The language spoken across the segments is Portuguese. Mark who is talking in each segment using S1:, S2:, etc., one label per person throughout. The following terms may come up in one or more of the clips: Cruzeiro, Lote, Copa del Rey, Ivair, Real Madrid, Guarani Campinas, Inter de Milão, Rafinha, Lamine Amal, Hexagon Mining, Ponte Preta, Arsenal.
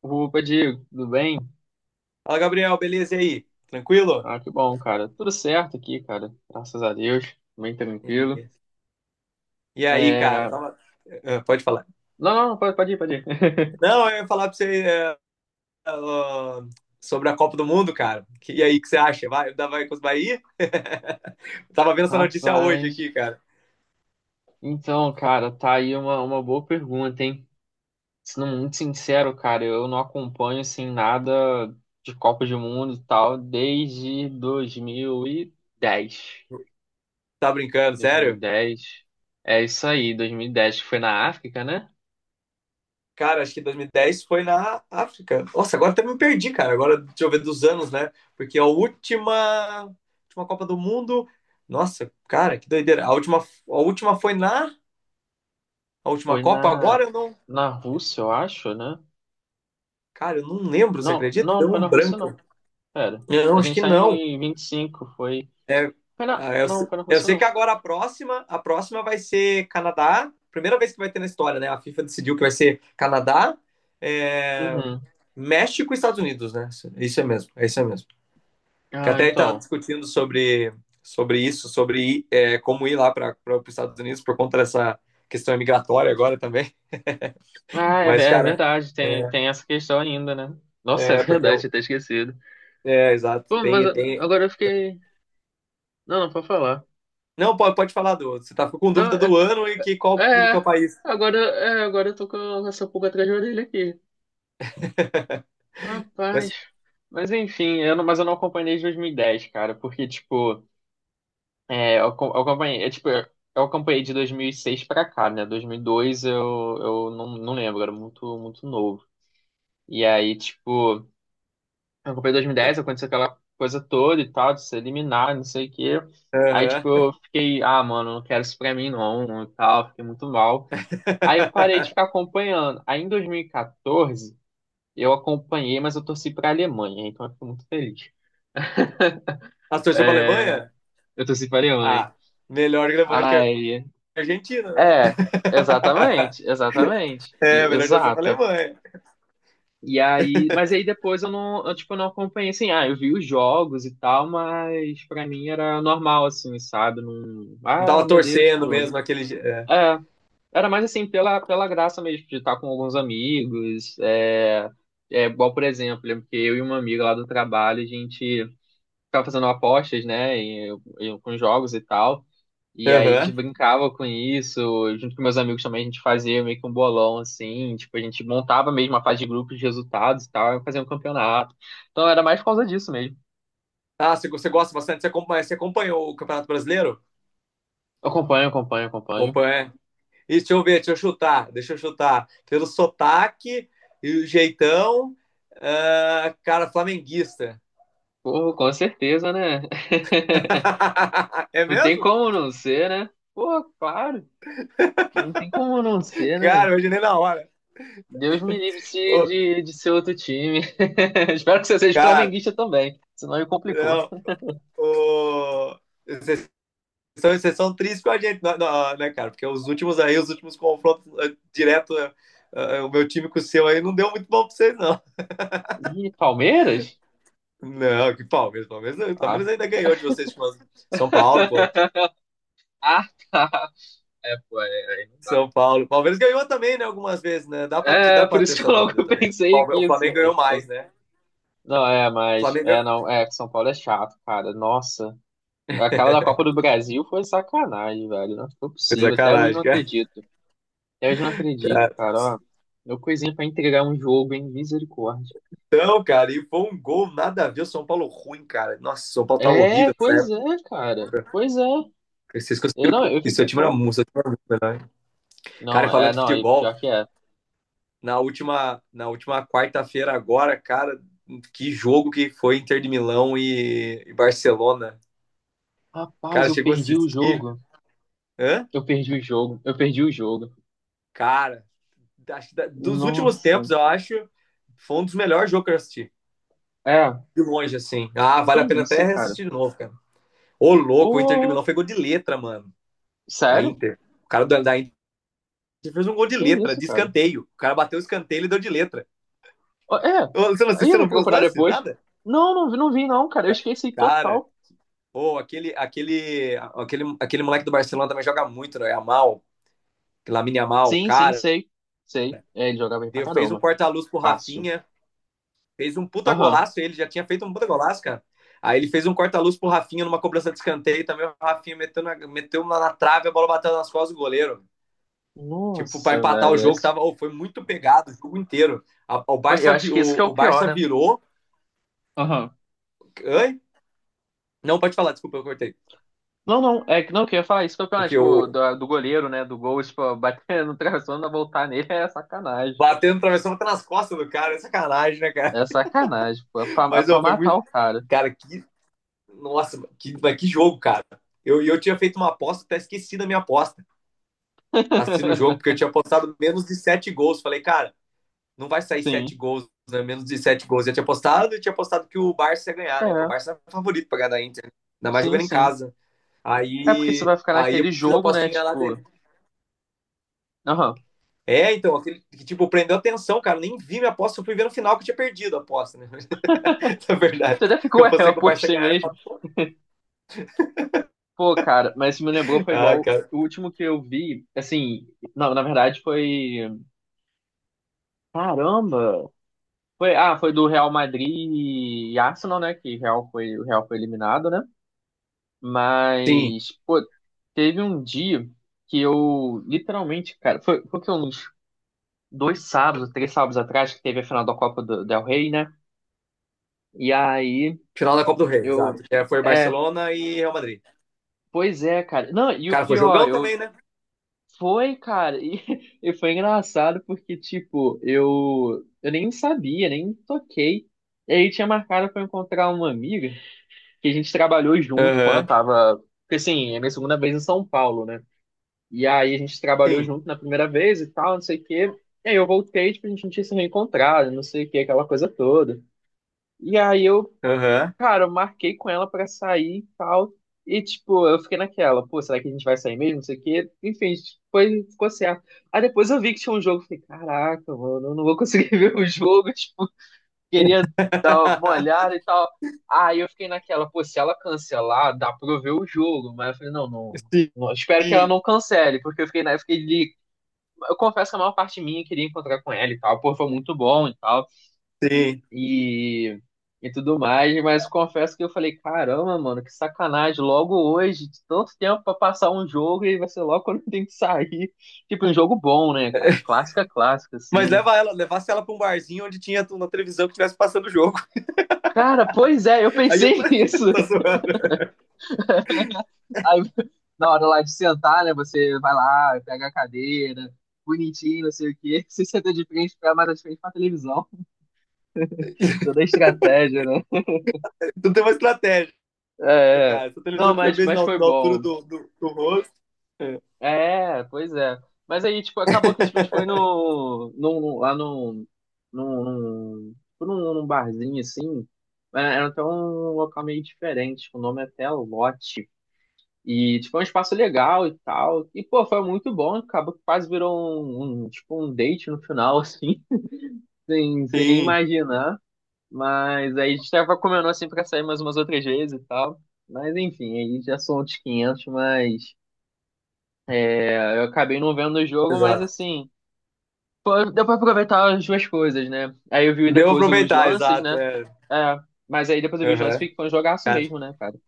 S1: Opa, Diego, tudo bem?
S2: Fala, Gabriel, beleza? E aí? Tranquilo?
S1: Ah, que bom, cara. Tudo certo aqui, cara. Graças a Deus, bem tranquilo.
S2: Beleza. E aí, cara?
S1: É...
S2: Tava. Ah, pode falar.
S1: Não, não, não, pode ir, pode ir.
S2: Não, eu ia falar pra você ah, sobre a Copa do Mundo, cara. E aí, o que você acha? Vai com os Bahia? Tava vendo essa notícia hoje
S1: Rapaz.
S2: aqui, cara.
S1: Então, cara, tá aí uma boa pergunta, hein? Sendo muito sincero, cara, eu não acompanho, assim, nada de Copa do Mundo e tal desde 2010.
S2: Tá brincando, sério?
S1: 2010. É isso aí, 2010, que foi na África, né?
S2: Cara, acho que 2010 foi na África. Nossa, agora até me perdi, cara. Agora, deixa eu ver dos anos, né? Porque a última Copa do Mundo. Nossa, cara, que doideira. A última foi na. A última
S1: Foi
S2: Copa agora
S1: na,
S2: eu não.
S1: na Rússia, eu acho, né?
S2: Cara, eu não lembro, você
S1: Não,
S2: acredita?
S1: não, não
S2: Deu
S1: foi
S2: um
S1: na Rússia, não.
S2: branco.
S1: Pera.
S2: Não,
S1: A
S2: acho
S1: gente
S2: que
S1: tá
S2: não.
S1: em 25, foi. Foi na.
S2: Ah, Eu,
S1: Não,
S2: se-
S1: foi na
S2: eu
S1: Rússia,
S2: sei que
S1: não.
S2: agora a próxima vai ser Canadá. Primeira vez que vai ter na história, né? A FIFA decidiu que vai ser Canadá, é,
S1: Uhum.
S2: México e Estados Unidos, né? Isso é mesmo, é isso é mesmo. Que
S1: Ah,
S2: até estava
S1: então.
S2: discutindo sobre isso, sobre ir, como ir lá para os Estados Unidos por conta dessa questão migratória agora também.
S1: Ah, é,
S2: Mas,
S1: é
S2: cara,
S1: verdade, tem essa questão ainda, né? Nossa, é
S2: é porque
S1: verdade,
S2: eu.
S1: tinha até esquecido.
S2: É, exato.
S1: Pô, mas
S2: Tem, tem,
S1: agora eu fiquei. Não, não, pode falar.
S2: Não, pode falar do outro. Você tá ficou com
S1: Não,
S2: dúvida
S1: é.
S2: do ano e que, qual do que
S1: é,
S2: é país.
S1: agora eu tô com essa pulga atrás da orelha aqui. Rapaz.
S2: Mas.
S1: Mas enfim, eu não, mas eu não acompanhei desde 2010, cara, porque, tipo. É, eu acompanhei, é, tipo, eu acompanhei de 2006 pra cá, né? 2002 eu não, não lembro, era muito, muito novo. E aí, tipo, eu acompanhei 2010, aconteceu aquela coisa toda e tal, de ser eliminado, não sei o quê. Aí, tipo,
S2: Aham.
S1: eu fiquei, ah, mano, não quero isso pra mim não, e tal, fiquei muito mal. Aí eu parei de ficar acompanhando. Aí em 2014, eu acompanhei, mas eu torci pra Alemanha, então eu fico muito feliz.
S2: Ah, você torceu pra
S1: É,
S2: Alemanha?
S1: eu torci pra Alemanha.
S2: Ah, melhor Alemanha do que a
S1: Ai.
S2: Argentina, né?
S1: É, exatamente, exatamente,
S2: É, melhor torcer pra
S1: exato.
S2: Alemanha.
S1: E aí, mas aí depois eu, tipo, não acompanhei, assim, ah, eu vi os jogos e tal, mas pra mim era normal, assim, sabe? Não,
S2: Não
S1: ah,
S2: tava
S1: meu Deus,
S2: torcendo
S1: tipo,
S2: mesmo aquele dia.
S1: é, era mais assim, pela graça mesmo, de estar com alguns amigos, é igual, por exemplo, lembro que eu e uma amiga lá do trabalho, a gente ficava fazendo apostas, né, e com jogos e tal. E
S2: É.
S1: aí a gente
S2: Aham.
S1: brincava com isso, junto com meus amigos também a gente fazia meio que um bolão assim, tipo, a gente montava mesmo a fase de grupos de resultados e tal, e fazia um campeonato. Então era mais por causa disso mesmo.
S2: Ah, você gosta bastante? Você acompanha, você acompanhou o Campeonato Brasileiro?
S1: Eu acompanho, acompanho, acompanho.
S2: Acompanha. E deixa eu ver, deixa eu chutar. Pelo sotaque e o jeitão, ah, cara, flamenguista.
S1: Pô, com certeza, né?
S2: É
S1: Não tem
S2: mesmo?
S1: como não ser, né? Pô, claro, não tem como não ser, né?
S2: Cara, hoje nem na hora.
S1: Deus me livre
S2: Ô,
S1: de ser outro time. Espero que você seja
S2: cara,
S1: flamenguista também, senão aí complicou.
S2: não. Ô, Vocês vocês são tristes com a gente, não, não, né, cara? Porque os últimos confrontos, direto, o meu time com o seu aí não deu muito bom pra vocês, não.
S1: Ih, Palmeiras?
S2: Não, que Palmeiras, Palmeiras, não, Palmeiras
S1: Ah.
S2: ainda ganhou de vocês com São Paulo, pô.
S1: Ah, tá. É, pô, é, aí não dá.
S2: São Paulo. Palmeiras ganhou também, né, algumas vezes, né? Dá pra, te,
S1: É,
S2: dá
S1: por
S2: pra ter
S1: isso que
S2: essa
S1: eu logo
S2: dúvida também.
S1: pensei
S2: O
S1: que assim, eu
S2: Flamengo
S1: falei,
S2: ganhou
S1: pô.
S2: mais, né?
S1: Não,
S2: O Flamengo ganhou.
S1: é, que São Paulo é chato, cara. Nossa, aquela da Copa do Brasil foi sacanagem, velho. Não foi possível, até hoje não
S2: Sacanagem,
S1: acredito. Até hoje não acredito,
S2: cara.
S1: cara, ó. Meu coisinha pra entregar um jogo, hein, misericórdia.
S2: Então, cara, e foi um gol nada a ver. O São Paulo ruim, cara. Nossa, o São Paulo tava
S1: É,
S2: horrível nessa
S1: pois
S2: época.
S1: é, cara. Pois é.
S2: Vocês
S1: Eu, não,
S2: conseguiram.
S1: eu
S2: E seu
S1: fiquei,
S2: time era
S1: pô.
S2: muito, seu time era muito melhor, hein? Cara,
S1: Não,
S2: e
S1: é,
S2: falando de
S1: não, e
S2: futebol,
S1: pior que é.
S2: na última quarta-feira agora, cara, que jogo que foi Inter de Milão e Barcelona.
S1: Rapaz,
S2: Cara,
S1: eu
S2: chegou a
S1: perdi o
S2: assistir.
S1: jogo.
S2: Hã?
S1: Eu perdi o jogo, eu perdi o jogo.
S2: Cara, acho que dos últimos
S1: Nossa.
S2: tempos, eu acho, foi um dos melhores jogos que eu assisti.
S1: É,
S2: De longe, assim. Ah,
S1: que
S2: vale a pena
S1: isso,
S2: até
S1: cara?
S2: assistir de novo, cara. Ô, louco, o Inter de
S1: Pô,
S2: Milão pegou de letra, mano. A
S1: sério?
S2: Inter. O cara da Inter. Ele fez um gol de
S1: Que
S2: letra,
S1: isso,
S2: de
S1: cara?
S2: escanteio. O cara bateu o escanteio e deu de letra.
S1: Ó,
S2: Ô, Luciano,
S1: aí eu
S2: você
S1: vou
S2: não viu os
S1: procurar
S2: lances?
S1: depois.
S2: Nada?
S1: Não, não, não vi não, cara. Eu esqueci
S2: Cara,
S1: total.
S2: aquele moleque do Barcelona também joga muito, né? Lamine Amal,
S1: Sim, sim,
S2: cara.
S1: sei. Sei. É, ele joga bem pra
S2: Fez um
S1: caramba.
S2: corta-luz pro
S1: Fácil.
S2: Rafinha, fez um puta
S1: Aham.
S2: golaço, ele já tinha feito um puta golaço, cara. Aí ele fez um corta-luz pro Rafinha numa cobrança de escanteio, também o Rafinha meteu na trave, a bola bateu nas costas do goleiro. Tipo, para
S1: Nossa,
S2: empatar o
S1: velho.
S2: jogo, tava, foi muito pegado o jogo inteiro. A- o,
S1: Eu
S2: Barça,
S1: acho que isso que é
S2: o,
S1: o
S2: o
S1: pior,
S2: Barça
S1: né?
S2: virou.
S1: Aham.
S2: Não, pode falar, desculpa, eu cortei.
S1: Não, não, é que não, que eu ia falar isso que é o pior, né?
S2: Porque
S1: Tipo,
S2: eu
S1: do goleiro, né? Do gol, tipo, bater no travessão e voltar nele é sacanagem.
S2: batendo, travessão, até nas costas do cara. É sacanagem, né, cara?
S1: É sacanagem, pô. É pra, é
S2: Mas,
S1: pra
S2: ó, foi
S1: matar
S2: muito.
S1: o cara.
S2: Cara, que. Nossa, mas que jogo, cara. Eu tinha feito uma aposta, até esqueci da minha aposta. Assistindo o jogo, porque eu tinha apostado menos de sete gols. Falei, cara, não vai sair
S1: Sim.
S2: sete gols, né? Menos de sete gols. Eu tinha apostado que o Barça ia ganhar, né? Que o
S1: É,
S2: Barça era favorito pra ganhar da Inter. Ainda mais
S1: sim,
S2: jogando em
S1: sim.
S2: casa.
S1: É porque você
S2: Aí,
S1: vai ficar
S2: aí eu
S1: naquele
S2: fiz a
S1: jogo, né?
S2: apostinha lá.
S1: Tipo, aham.
S2: É, então, aquele que, tipo, prendeu atenção, cara. Nem vi minha aposta, eu fui ver no final que eu tinha perdido a aposta, né? Na verdade.
S1: Você até
S2: Que
S1: ficou,
S2: eu
S1: é, eu
S2: pensei que o Barça ia
S1: apostei
S2: ganhar.
S1: mesmo. Pô, cara, mas se me lembrou, foi
S2: Ah,
S1: igual
S2: cara.
S1: o último que eu vi. Assim, não, na verdade foi. Caramba! Foi do Real Madrid e Arsenal, né? O Real foi eliminado, né?
S2: Sim,
S1: Mas, pô, teve um dia que eu literalmente, cara, foi que uns dois sábados, três sábados atrás, que teve a final da Copa do Del Rey, né? E aí
S2: final da Copa do Rei, exato.
S1: eu.
S2: É, foi
S1: É,
S2: Barcelona e Real Madrid.
S1: pois é, cara. Não, e o
S2: Cara, foi
S1: pior,
S2: jogão
S1: eu.
S2: também, né?
S1: Foi, cara, e, e foi engraçado porque, tipo, eu nem sabia, nem toquei. E aí tinha marcado pra eu encontrar uma amiga que a gente trabalhou junto quando eu
S2: Aham.
S1: tava. Porque assim, é minha segunda vez em São Paulo, né? E aí a gente trabalhou
S2: Sim.
S1: junto na primeira vez e tal, não sei o quê. E aí eu voltei, tipo, a gente não tinha se reencontrado, não sei o quê, aquela coisa toda. E aí eu
S2: Aham.
S1: Cara, eu marquei com ela pra sair e tal. E, tipo, eu fiquei naquela, pô, será que a gente vai sair mesmo? Não sei o quê. Enfim, ficou certo. Aí depois eu vi que tinha um jogo. Falei, caraca, mano, eu não vou conseguir ver o jogo. Tipo, queria dar uma olhada e tal. Aí eu fiquei naquela, pô, se ela cancelar, dá pra eu ver o jogo. Mas eu falei, não, não.
S2: Sim,
S1: Não, espero que ela
S2: sim.
S1: não cancele, porque eu fiquei, né, eu fiquei ali. Eu confesso que a maior parte minha queria encontrar com ela e tal. Pô, foi muito bom e tal
S2: Sim.
S1: e, e tudo mais, mas confesso que eu falei, caramba, mano, que sacanagem, logo hoje, de tanto tempo pra passar um jogo e vai ser logo quando tem que sair. Tipo, um jogo bom, né, cara? Clássica, clássica,
S2: Mas
S1: assim, né?
S2: leva ela, levasse ela pra um barzinho onde tinha uma televisão que estivesse passando o jogo.
S1: Cara, pois é, eu
S2: Aí eu
S1: pensei
S2: falei,
S1: nisso.
S2: tô zoando.
S1: Aí, na hora lá de sentar, né, você vai lá, pega a cadeira, bonitinho, não sei o quê, você senta de frente pra mais de frente pra televisão. Toda a estratégia, né?
S2: Tu tem uma estratégia,
S1: É, é.
S2: cara. Se a
S1: Não,
S2: televisão tiver
S1: mas,
S2: bem
S1: mas
S2: na,
S1: foi
S2: na altura
S1: bom.
S2: do rosto. É.
S1: É, pois é. Mas aí, tipo, acabou que tipo, a gente foi no, no, lá no, no, no, tipo, num, num barzinho, assim. Era até um local meio diferente, tipo, o nome é até Lote. E, tipo, é um espaço legal e tal. E, pô, foi muito bom. Acabou que quase virou um date no final, assim, sem nem
S2: Sim,
S1: imaginar. Mas aí a gente tava comendo, assim, pra sair mais umas outras vezes e tal. Mas, enfim, aí já são outros 500. Eu acabei não vendo o jogo, mas
S2: exato.
S1: assim, pô, deu pra aproveitar as duas coisas, né? Aí eu vi
S2: Deu pra
S1: depois os
S2: aproveitar,
S1: lances,
S2: exato.
S1: né?
S2: É.
S1: É, mas aí depois eu vi os lances,
S2: Aham.
S1: foi um jogaço
S2: Cara,
S1: mesmo, né, cara?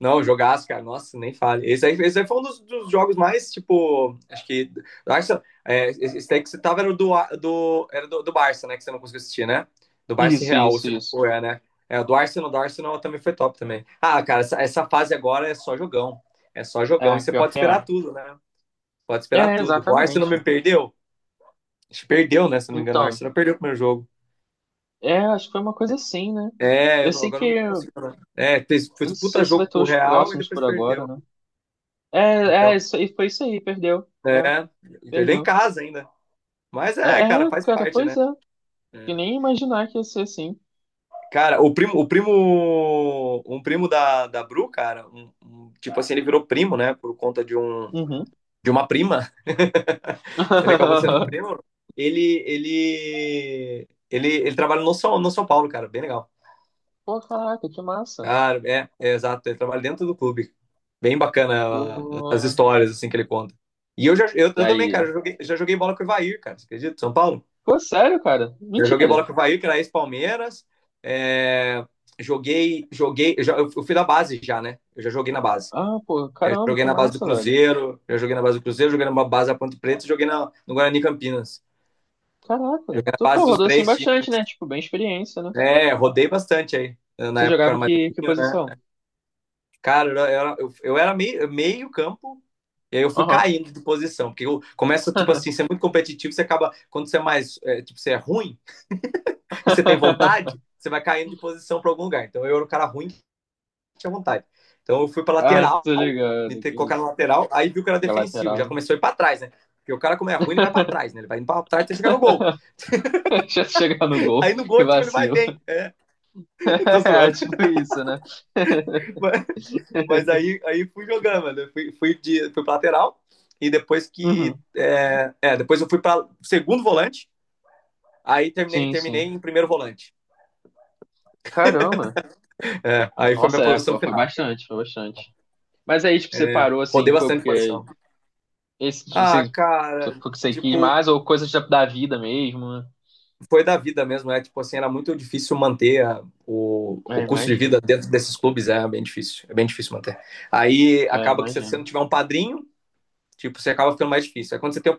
S2: não, jogaço, cara. Nossa, nem fale. Esse aí foi um dos jogos mais, tipo, acho que. Barça, esse daí que você tava era o do Barça, né? Que você não conseguiu assistir, né? Do Barça e
S1: Isso,
S2: Real,
S1: isso,
S2: você
S1: isso.
S2: foi, é, né? É, o do Arsenal também foi top também. Ah, cara, essa fase agora é só jogão. É só jogão. E
S1: É,
S2: você
S1: pior
S2: pode
S1: que é.
S2: esperar tudo, né? Pode esperar
S1: É,
S2: tudo. O Arsenal
S1: exatamente.
S2: me perdeu? Acho que perdeu, né? Se eu não me engano, o
S1: Então,
S2: Arsenal perdeu o primeiro jogo.
S1: é, acho que foi uma coisa assim, né?
S2: É,
S1: Eu
S2: eu não-
S1: sei
S2: agora
S1: que,
S2: eu não
S1: eu
S2: consigo lembrar. É, fez
S1: não
S2: um puta
S1: sei se vai
S2: jogo
S1: ter
S2: com o
S1: os
S2: Real e
S1: próximos
S2: depois
S1: por agora,
S2: perdeu.
S1: né? É, é,
S2: Então,
S1: isso, foi isso aí, perdeu. É,
S2: é, e perdeu em
S1: perdeu.
S2: casa ainda. Mas
S1: É,
S2: é, cara,
S1: é,
S2: faz
S1: cara,
S2: parte,
S1: pois
S2: né?
S1: é. Que
S2: É.
S1: nem imaginar que ia ser assim.
S2: Cara, um primo da Bru, cara, tipo assim, ele virou primo, né? Por conta de um,
S1: Uhum.
S2: de uma prima. Ele acabou sendo primo. Ele trabalha no São Paulo, cara, bem legal.
S1: Pô, caraca, que massa.
S2: Cara, é exato. Ele trabalha dentro do clube. Bem bacana, as
S1: Pô.
S2: histórias assim que ele conta. E eu também,
S1: Aí.
S2: cara, já joguei bola com o Ivair, cara. Você acredita? São Paulo?
S1: Pô, sério, cara?
S2: Eu joguei bola
S1: Mentira.
S2: com o Ivair, que era ex-Palmeiras. É, joguei. Eu fui da base já, né? Eu já joguei na base.
S1: Ah, pô,
S2: Eu
S1: caramba,
S2: joguei
S1: que
S2: na base do
S1: massa, velho.
S2: Cruzeiro, já joguei na base do Cruzeiro, joguei na base da Ponte Preta, joguei no Guarani Campinas.
S1: Caraca.
S2: Joguei na
S1: Tu, pô,
S2: base dos
S1: rodou assim
S2: três times.
S1: bastante, né? Tipo, bem experiência, né?
S2: É, rodei bastante aí. Na
S1: Você
S2: época eu
S1: jogava
S2: era mais
S1: que
S2: novinho, né?
S1: posição?
S2: Cara, eu era meio, meio campo, e aí eu fui
S1: Aham.
S2: caindo de posição, porque eu começa, tipo assim, ser muito competitivo, você acaba, quando você é mais, tipo, você é ruim e você tem vontade, você vai caindo de posição para algum lugar. Então eu era um cara ruim que tinha vontade. Então eu fui para
S1: Ah,
S2: lateral,
S1: tô ligado, que
S2: colocar na
S1: isso.
S2: lateral, aí viu que era
S1: Joga
S2: defensivo,
S1: lateral,
S2: já
S1: né?
S2: começou a ir para trás, né? Porque o cara, como é ruim, ele vai para trás, né? Ele vai indo pra trás até chegar no gol.
S1: Já chegar no gol,
S2: Aí no
S1: que
S2: gol, tipo, ele vai
S1: vacilo.
S2: bem. Tô
S1: É,
S2: zoando.
S1: tipo isso, né?
S2: Mas aí fui jogando, mano. Eu fui pra lateral. E depois que.
S1: Uhum.
S2: Depois eu fui pra segundo volante. Aí terminei,
S1: Sim,
S2: terminei
S1: sim.
S2: em primeiro volante.
S1: Caramba.
S2: É, aí foi minha
S1: Nossa, é,
S2: posição
S1: foi
S2: final.
S1: bastante, foi bastante. Mas aí, tipo, você
S2: É,
S1: parou assim,
S2: rodei
S1: foi
S2: bastante
S1: porque
S2: posição.
S1: esse,
S2: Ah,
S1: esse,
S2: cara,
S1: você quis
S2: tipo,
S1: mais ou coisa da vida mesmo, né?
S2: foi da vida mesmo. É tipo assim, era muito difícil manter a- o,
S1: É,
S2: o custo de vida
S1: imagino.
S2: dentro desses clubes. É bem difícil. É bem difícil manter. Aí
S1: É,
S2: acaba que se você não
S1: imagino.
S2: tiver um padrinho, tipo, você acaba ficando mais difícil. Aí quando você tem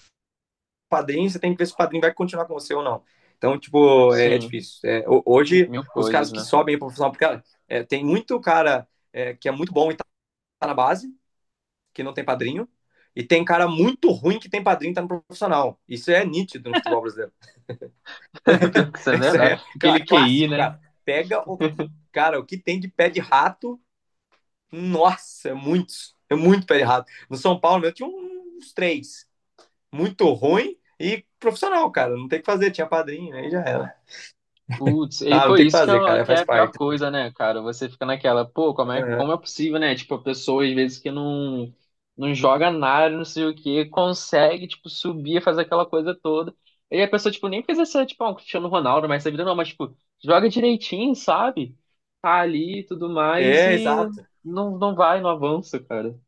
S2: padrinho, você tem que ver se o padrinho vai continuar com você ou não. Então, tipo, é
S1: Sim,
S2: difícil. É, hoje,
S1: mil
S2: os caras
S1: coisas,
S2: que
S1: né?
S2: sobem para profissional, porque tem muito cara, que é muito bom e tá na base, que não tem padrinho, e tem cara muito ruim que tem padrinho e tá no profissional. Isso é nítido no futebol brasileiro.
S1: Pior que isso é
S2: Isso
S1: verdade.
S2: é
S1: Aquele QI,
S2: clássico,
S1: né?
S2: cara. Pega o. Cara, o que tem de pé de rato, nossa, é muitos. É muito pé de rato. No São Paulo, eu tinha uns três. Muito ruim e profissional, cara. Não tem o que fazer, tinha padrinho, aí já era.
S1: Putz, e
S2: Ah,
S1: pô,
S2: não tem o que
S1: isso que é,
S2: fazer, cara,
S1: que é
S2: faz
S1: a pior
S2: parte.
S1: coisa, né, cara? Você fica naquela, pô,
S2: Aham.
S1: como é possível, né? Tipo, a pessoa às vezes que não joga nada, não sei o quê, consegue, tipo, subir, fazer aquela coisa toda. E a pessoa, tipo, nem fez essa, tipo, ah, um Cristiano Ronaldo, mas essa vida não, mas, tipo, joga direitinho, sabe? Tá ali e tudo mais
S2: É,
S1: e
S2: exato.
S1: não vai, não avança, cara.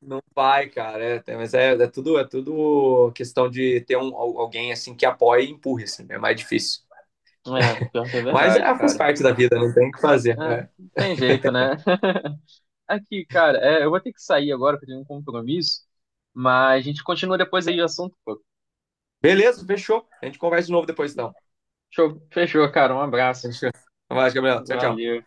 S2: Não vai, cara. É, mas é tudo questão de ter alguém assim que apoie e empurre, assim, é mais difícil.
S1: É, pior que é
S2: Mas
S1: verdade,
S2: é, faz
S1: cara.
S2: parte da vida, não tem o que
S1: É,
S2: fazer. É.
S1: não tem jeito, né? Aqui, cara, é, eu vou ter que sair agora porque eu tenho um compromisso, mas a gente continua depois aí o assunto, pô.
S2: Beleza, fechou. A gente conversa de novo depois, então.
S1: Show, fechou, cara. Um abraço.
S2: Fechou. Vai, Gabriel. Tchau, tchau.
S1: Valeu.